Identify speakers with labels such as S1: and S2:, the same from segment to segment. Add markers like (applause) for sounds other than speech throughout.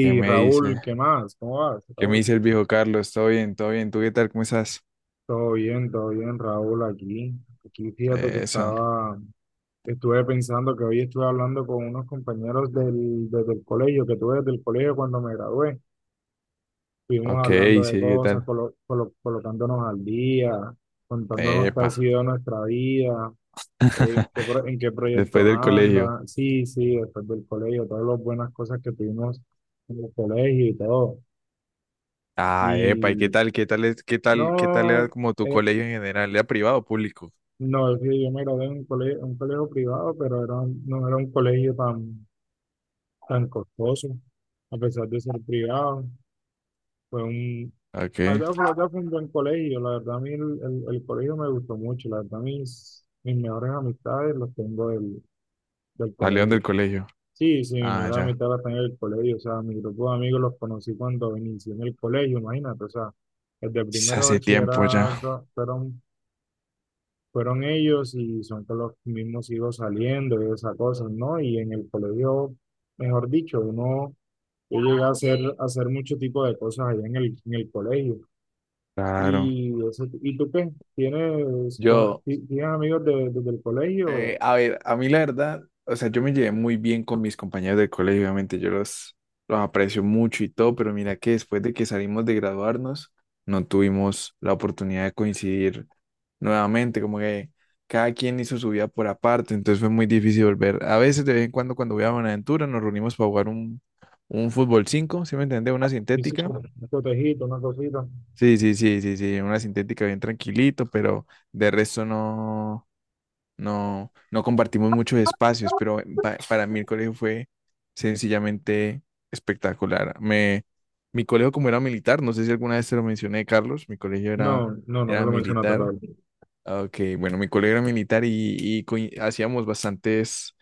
S1: ¿Qué me
S2: Raúl,
S1: dice?
S2: ¿qué más? ¿Cómo vas,
S1: ¿Qué me
S2: Raúl?
S1: dice el viejo Carlos? ¿Todo bien? ¿Todo bien? ¿Tú qué tal? ¿Cómo estás?
S2: Todo bien, Raúl, aquí. Aquí fíjate que
S1: Eso.
S2: estaba, estuve pensando que hoy estuve hablando con unos compañeros desde el colegio, que tuve desde el colegio cuando me gradué. Estuvimos
S1: Ok,
S2: hablando de
S1: sí, ¿qué
S2: cosas,
S1: tal?
S2: colocándonos al día, contándonos qué ha
S1: Epa.
S2: sido nuestra vida,
S1: (laughs)
S2: en qué
S1: Después
S2: proyectos
S1: del colegio.
S2: anda. Sí, sí, después del colegio, todas las buenas cosas que tuvimos en el colegio y todo.
S1: Ah, epa, ¿y qué
S2: Y
S1: tal? ¿Qué tal es? ¿Qué tal? ¿Qué tal
S2: no.
S1: era como tu
S2: eh,
S1: colegio en general? ¿Era privado o público?
S2: No, es que yo me gradué en un colegio privado, pero era, no era un colegio tan, tan costoso, a pesar de ser privado. Fue un,
S1: Ok.
S2: la verdad fue un buen colegio, la verdad el colegio me gustó mucho, la verdad mis, mis mejores amistades las tengo del
S1: Salieron
S2: colegio.
S1: del colegio.
S2: Sí, sí, mis
S1: Ah,
S2: mejores
S1: ya.
S2: amistades las tengo del colegio, o sea, mi grupo de amigos los conocí cuando inicié en el colegio, imagínate, o sea, desde
S1: Sí,
S2: primero de
S1: hace tiempo ya.
S2: bachillerato fueron fueron ellos y son con los mismos hijos saliendo y esas cosas, ¿no? Y en el colegio, mejor dicho, uno yo llegué a hacer mucho tipo de cosas allá en el colegio.
S1: Claro.
S2: ¿Y, ¿y tú qué? ¿Tienes,
S1: Yo.
S2: tienes amigos de, desde el colegio?
S1: A ver, a mí la verdad, o sea, yo me llevé muy bien con mis compañeros del colegio, obviamente los aprecio mucho y todo, pero mira que después de que salimos de graduarnos, no tuvimos la oportunidad de coincidir nuevamente, como que cada quien hizo su vida por aparte, entonces fue muy difícil volver. A veces de vez en cuando cuando voy a Buenaventura nos reunimos para jugar un fútbol cinco, ¿sí me entiendes? Una
S2: ¿Hiciste
S1: sintética.
S2: un cotejito, una cosita?
S1: Sí, sí, sí, sí, sí, una sintética bien tranquilito, pero de resto no. No, no compartimos muchos espacios, pero para mí el colegio fue sencillamente espectacular. Mi colegio como era militar, no sé si alguna vez te lo mencioné, Carlos,
S2: No, no, no me
S1: era
S2: lo mencionaste,
S1: militar.
S2: Raúl.
S1: Ok, bueno, mi colegio era militar y, hacíamos bastantes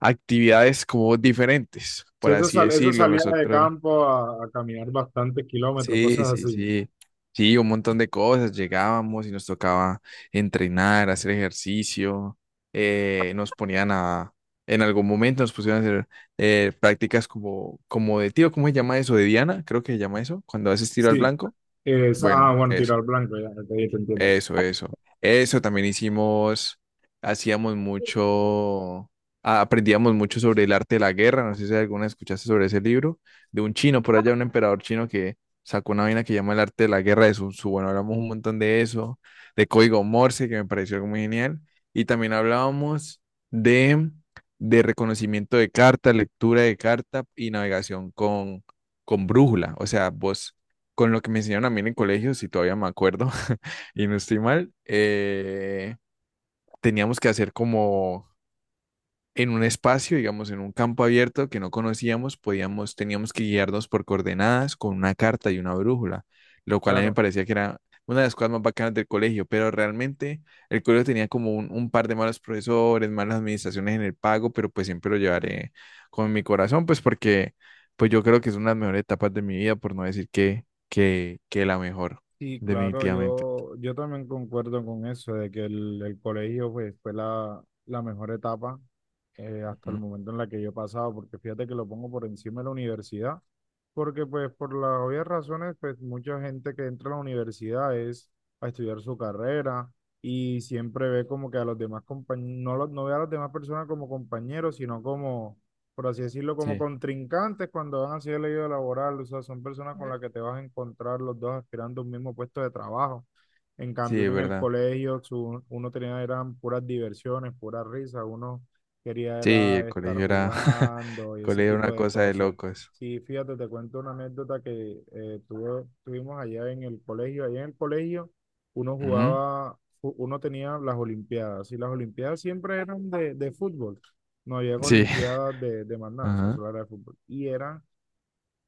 S1: actividades como diferentes,
S2: Sí,
S1: por
S2: esa,
S1: así
S2: esa
S1: decirlo.
S2: salida de
S1: Nosotros,
S2: campo a caminar bastantes kilómetros,
S1: sí,
S2: cosas
S1: sí,
S2: así.
S1: sí. Sí, un montón de cosas. Llegábamos y nos tocaba entrenar, hacer ejercicio. eh, nos ponían a, en algún momento nos pusieron a hacer prácticas como, como de tiro, ¿cómo se llama eso? De Diana, creo que se llama eso, cuando haces tiro al
S2: Sí,
S1: blanco.
S2: esa,
S1: Bueno,
S2: ah, bueno,
S1: eso.
S2: tirar blanco, ya, ya te entiendo.
S1: Eso, eso. Eso también hicimos, hacíamos mucho, aprendíamos mucho sobre el arte de la guerra. No sé si alguna escuchaste sobre ese libro, de un chino por allá, un emperador chino que sacó una vaina que llama el arte de la guerra de Sun Tzu. Bueno, hablamos un montón de eso, de código Morse, que me pareció algo muy genial. Y también hablábamos de, de reconocimiento de carta, lectura de carta y navegación con brújula. O sea, vos, con lo que me enseñaron a mí en el colegio, si todavía me acuerdo y no estoy mal, teníamos que hacer como en un espacio, digamos, en un campo abierto que no conocíamos, podíamos, teníamos que guiarnos por coordenadas con una carta y una brújula, lo cual a mí me
S2: Claro.
S1: parecía que era una de las cosas más bacanas del colegio, pero realmente el colegio tenía como un par de malos profesores, malas administraciones en el pago, pero pues siempre lo llevaré con mi corazón, pues porque pues yo creo que es una de las mejores etapas de mi vida, por no decir que la mejor,
S2: Sí, claro,
S1: definitivamente.
S2: yo también concuerdo con eso, de que el colegio pues, fue la, la mejor etapa hasta el
S1: Ujú.
S2: momento en la que yo he pasado, porque fíjate que lo pongo por encima de la universidad. Porque pues por las obvias razones, pues mucha gente que entra a la universidad es a estudiar su carrera y siempre ve como que a los demás compañeros, no, no ve a las demás personas como compañeros, sino como, por así decirlo, como
S1: Sí.
S2: contrincantes cuando van hacia el leído laboral, o sea, son personas con las que te vas a encontrar los dos aspirando a un mismo puesto de trabajo. En
S1: Sí,
S2: cambio,
S1: es
S2: uno en el
S1: verdad.
S2: colegio, uno tenía, eran puras diversiones, puras risas, uno quería
S1: Sí, el
S2: era estar
S1: colegio era, (laughs)
S2: jugando
S1: el
S2: y ese
S1: colegio era
S2: tipo
S1: una
S2: de
S1: cosa de
S2: cosas.
S1: locos.
S2: Sí, fíjate, te cuento una anécdota que tuvimos allá en el colegio. Allá en el colegio uno
S1: Ujú.
S2: jugaba, uno tenía las olimpiadas y las olimpiadas siempre eran de fútbol. No había
S1: Sí.
S2: olimpiadas de más nada, o sea,
S1: Ajá.
S2: solo era de fútbol. Y eran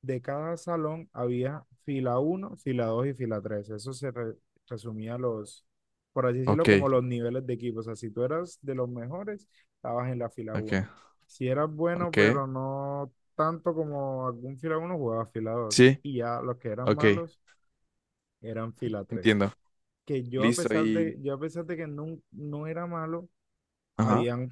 S2: de cada salón había fila uno, fila 2 y fila tres. Eso se resumía los, por así decirlo,
S1: Ok,
S2: como los niveles de equipo. O sea, si tú eras de los mejores, estabas en la fila
S1: ok,
S2: uno. Si eras bueno,
S1: ok.
S2: pero no tanto como algún fila uno, jugabas fila dos.
S1: Sí,
S2: Y ya los que eran
S1: ok,
S2: malos eran fila tres.
S1: entiendo.
S2: Que yo a
S1: Listo
S2: pesar
S1: y...
S2: de, yo a pesar de que no, no era malo,
S1: Ajá.
S2: habían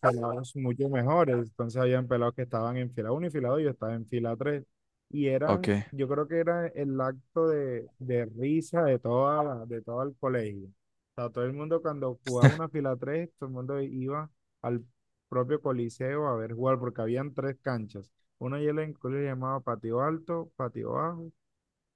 S2: pelados mucho mejores. Entonces habían pelados que estaban en fila uno y fila dos, yo estaba en fila tres. Y
S1: Ok,
S2: eran, yo creo que era el acto de risa de toda de todo el colegio. O sea, todo el mundo cuando jugaba una fila tres, todo el mundo iba al propio coliseo a ver jugar, porque habían tres canchas. Una yo la incluía llamaba patio alto, patio bajo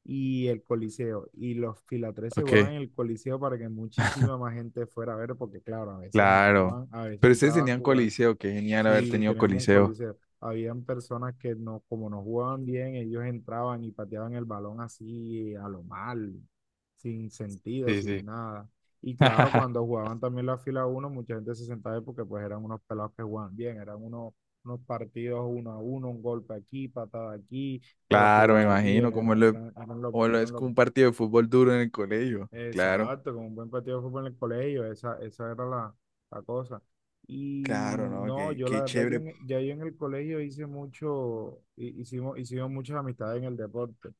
S2: y el coliseo. Y los fila 3 se
S1: ok.
S2: jugaban en el coliseo para que muchísima más gente fuera a ver, porque claro, a veces
S1: Claro.
S2: entraban, a veces
S1: Pero ustedes
S2: entraban.
S1: tenían coliseo, qué genial haber
S2: Sí,
S1: tenido
S2: teníamos un
S1: coliseo.
S2: coliseo. Habían personas que no, como no jugaban bien, ellos entraban y pateaban el balón así a lo mal, sin sentido,
S1: Sí,
S2: sin
S1: sí.
S2: nada. Y claro,
S1: (laughs)
S2: cuando jugaban también la fila uno, mucha gente se sentaba ahí porque pues eran unos pelados que jugaban bien, eran unos, unos partidos uno a uno, un golpe aquí, patada aquí, pero
S1: Claro, me
S2: jugada aquí,
S1: imagino,
S2: era, eran,
S1: como lo es
S2: eran los,
S1: como un partido de fútbol duro en el colegio. Claro.
S2: exacto, con un buen partido de fútbol en el colegio, esa era la, la cosa.
S1: Claro,
S2: Y
S1: ¿no?
S2: no,
S1: Qué,
S2: yo la
S1: qué
S2: verdad,
S1: chévere.
S2: ya yo en el colegio hice mucho, hicimos, hicimos muchas amistades en el deporte,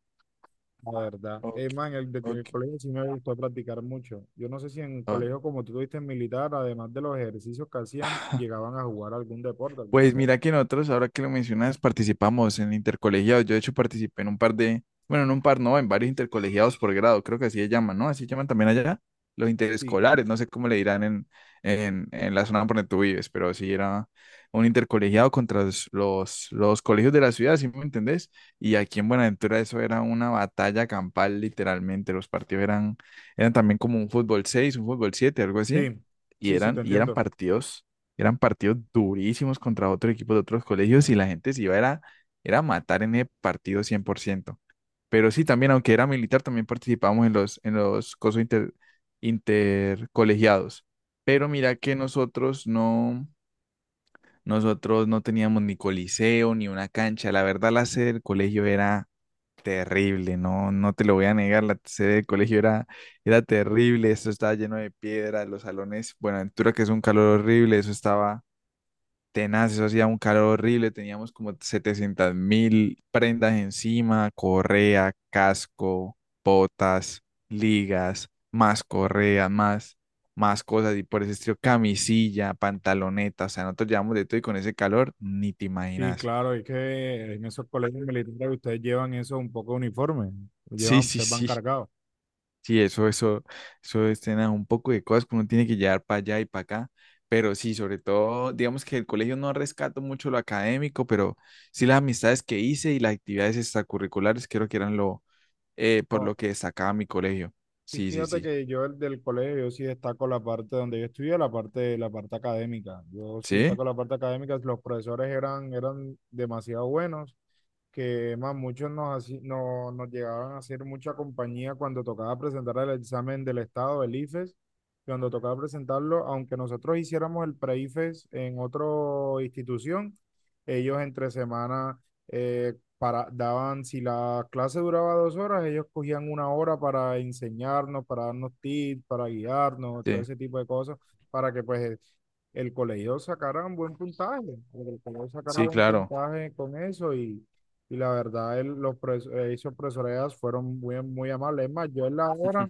S2: la verdad.
S1: Ok,
S2: Es más, en el
S1: ok.
S2: colegio sí me gustó practicar mucho. Yo no sé si en el
S1: Ok.
S2: colegio, como tú tuviste en militar, además de los ejercicios que hacían,
S1: (laughs)
S2: llegaban a jugar algún deporte, alguna
S1: Pues
S2: cosa.
S1: mira que nosotros, ahora que lo mencionas, participamos en intercolegiados. Yo de hecho participé en un par de, bueno, en un par no, en varios intercolegiados por grado, creo que así se llaman, ¿no? Así llaman también allá los
S2: Sí,
S1: interescolares, no sé cómo le dirán en la zona por donde tú vives, pero sí era un intercolegiado contra los colegios de la ciudad, ¿sí me entendés? Y aquí en Buenaventura eso era una batalla campal, literalmente. Los partidos eran, eran también como un fútbol seis, un fútbol siete, algo así
S2: sí,
S1: y
S2: sí, sí, te
S1: eran
S2: entiendo.
S1: partidos, eran partidos durísimos contra otros equipos de otros colegios y la gente se iba era, era a matar en el partido cien por ciento. Pero sí, también, aunque era militar, también participábamos en los cosos intercolegiados.
S2: Sí.
S1: Pero mira que nosotros no teníamos ni coliseo ni una cancha. La verdad, la sede del colegio era terrible, no, no te lo voy a negar, la sede del colegio era, era terrible, eso estaba lleno de piedra, los salones, bueno, Ventura que es un calor horrible, eso estaba tenaz, eso hacía un calor horrible, teníamos como 700 mil prendas encima, correa, casco, botas, ligas, más correa, más cosas y por ese estilo, camisilla, pantaloneta, o sea, nosotros llevamos de todo y con ese calor, ni te
S2: Sí,
S1: imaginas.
S2: claro, es que en esos colegios militares ustedes llevan eso un poco uniforme,
S1: Sí,
S2: llevan,
S1: sí,
S2: ustedes van
S1: sí.
S2: cargados.
S1: Sí, eso es tener un poco de cosas que uno tiene que llevar para allá y para acá. Pero sí, sobre todo, digamos que el colegio no rescato mucho lo académico, pero sí las amistades que hice y las actividades extracurriculares creo que eran lo, por lo que destacaba mi colegio.
S2: Sí,
S1: Sí, sí,
S2: fíjate
S1: sí.
S2: que yo el del colegio, yo sí destaco la parte donde yo estudié, la parte académica. Yo sí
S1: ¿Sí?
S2: destaco la parte académica, los profesores eran, eran demasiado buenos, que más muchos nos, nos llegaban a hacer mucha compañía cuando tocaba presentar el examen del Estado, el IFES, cuando tocaba presentarlo, aunque nosotros hiciéramos el pre-IFES en otra institución, ellos entre semana... eh, para, daban, si la clase duraba dos horas, ellos cogían una hora para enseñarnos, para darnos tips, para guiarnos, todo
S1: Sí,
S2: ese tipo de cosas, para que pues el colegio sacara un buen puntaje, para que el colegio sacara
S1: sí,
S2: buen
S1: claro.
S2: puntaje con eso y la verdad, esos profesores fueron muy, muy amables. Es más, yo en la hora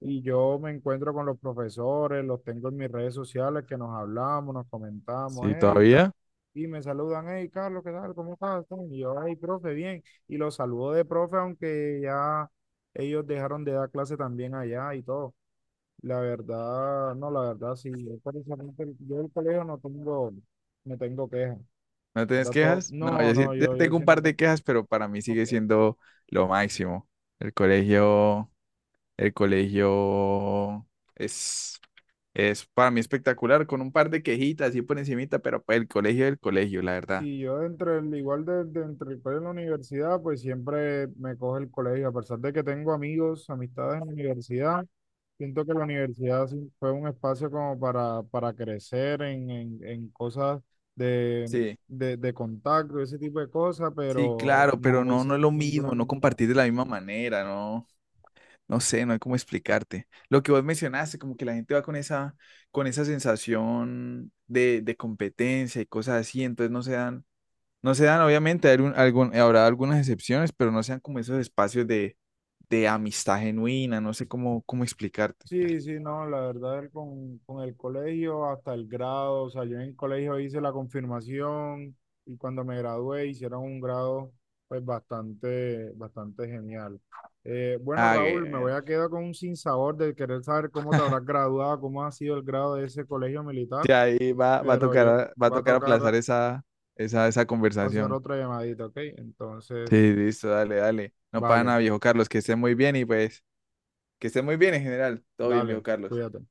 S2: y yo me encuentro con los profesores, los tengo en mis redes sociales que nos hablamos, nos comentamos,
S1: Sí,
S2: hey,
S1: todavía.
S2: y me saludan, hey Carlos, ¿qué tal? ¿Cómo estás? Y yo, hey profe, bien. Y los saludo de profe, aunque ya ellos dejaron de dar clase también allá y todo. La verdad, no, la verdad, sí, yo, precisamente, yo del colegio no tengo, no tengo quejas.
S1: ¿No tienes
S2: ¿Verdad?
S1: quejas? No,
S2: No,
S1: yo sí,
S2: no,
S1: yo
S2: yo
S1: tengo un
S2: sí no
S1: par
S2: tengo
S1: de quejas, pero para mí sigue
S2: quejas.
S1: siendo lo máximo. El colegio. El colegio es, es para mí espectacular, con un par de quejitas y por encimita, pero pues el colegio es el colegio, la verdad.
S2: Sí, yo entre el, igual de entre el colegio y la universidad, pues siempre me coge el colegio, a pesar de que tengo amigos, amistades en la universidad, siento que la universidad sí fue un espacio como para crecer en cosas de,
S1: Sí,
S2: de contacto, ese tipo de cosas,
S1: sí,
S2: pero
S1: claro, pero
S2: no
S1: no,
S2: hice
S1: no es lo
S2: ninguna
S1: mismo, no
S2: amistad.
S1: compartir de la misma manera, no, no sé, no hay cómo explicarte. Lo que vos mencionaste, como que la gente va con esa sensación de competencia y cosas así, entonces no se dan, obviamente, hay un- algún, habrá algunas excepciones, pero no sean como esos espacios de amistad genuina, no sé cómo, cómo explicarte.
S2: Sí, sí, no, la verdad el con el colegio hasta el grado, o sea, yo en el colegio hice la confirmación y cuando me gradué hicieron un grado pues bastante, bastante genial. Bueno,
S1: Ah,
S2: Raúl, me voy
S1: que-
S2: a quedar con un sinsabor de querer saber cómo te habrás graduado, cómo ha sido el grado de ese colegio militar.
S1: sí, ahí va,
S2: Pero yo
S1: va a
S2: va a
S1: tocar aplazar
S2: tocar
S1: esa
S2: hacer
S1: conversación.
S2: otra llamadita, ¿ok?
S1: Sí,
S2: Entonces,
S1: listo, dale, dale. No, para nada,
S2: vale,
S1: viejo Carlos, que esté muy bien y pues, que esté muy bien en general. Todo bien, viejo
S2: dale,
S1: Carlos.
S2: cuídate.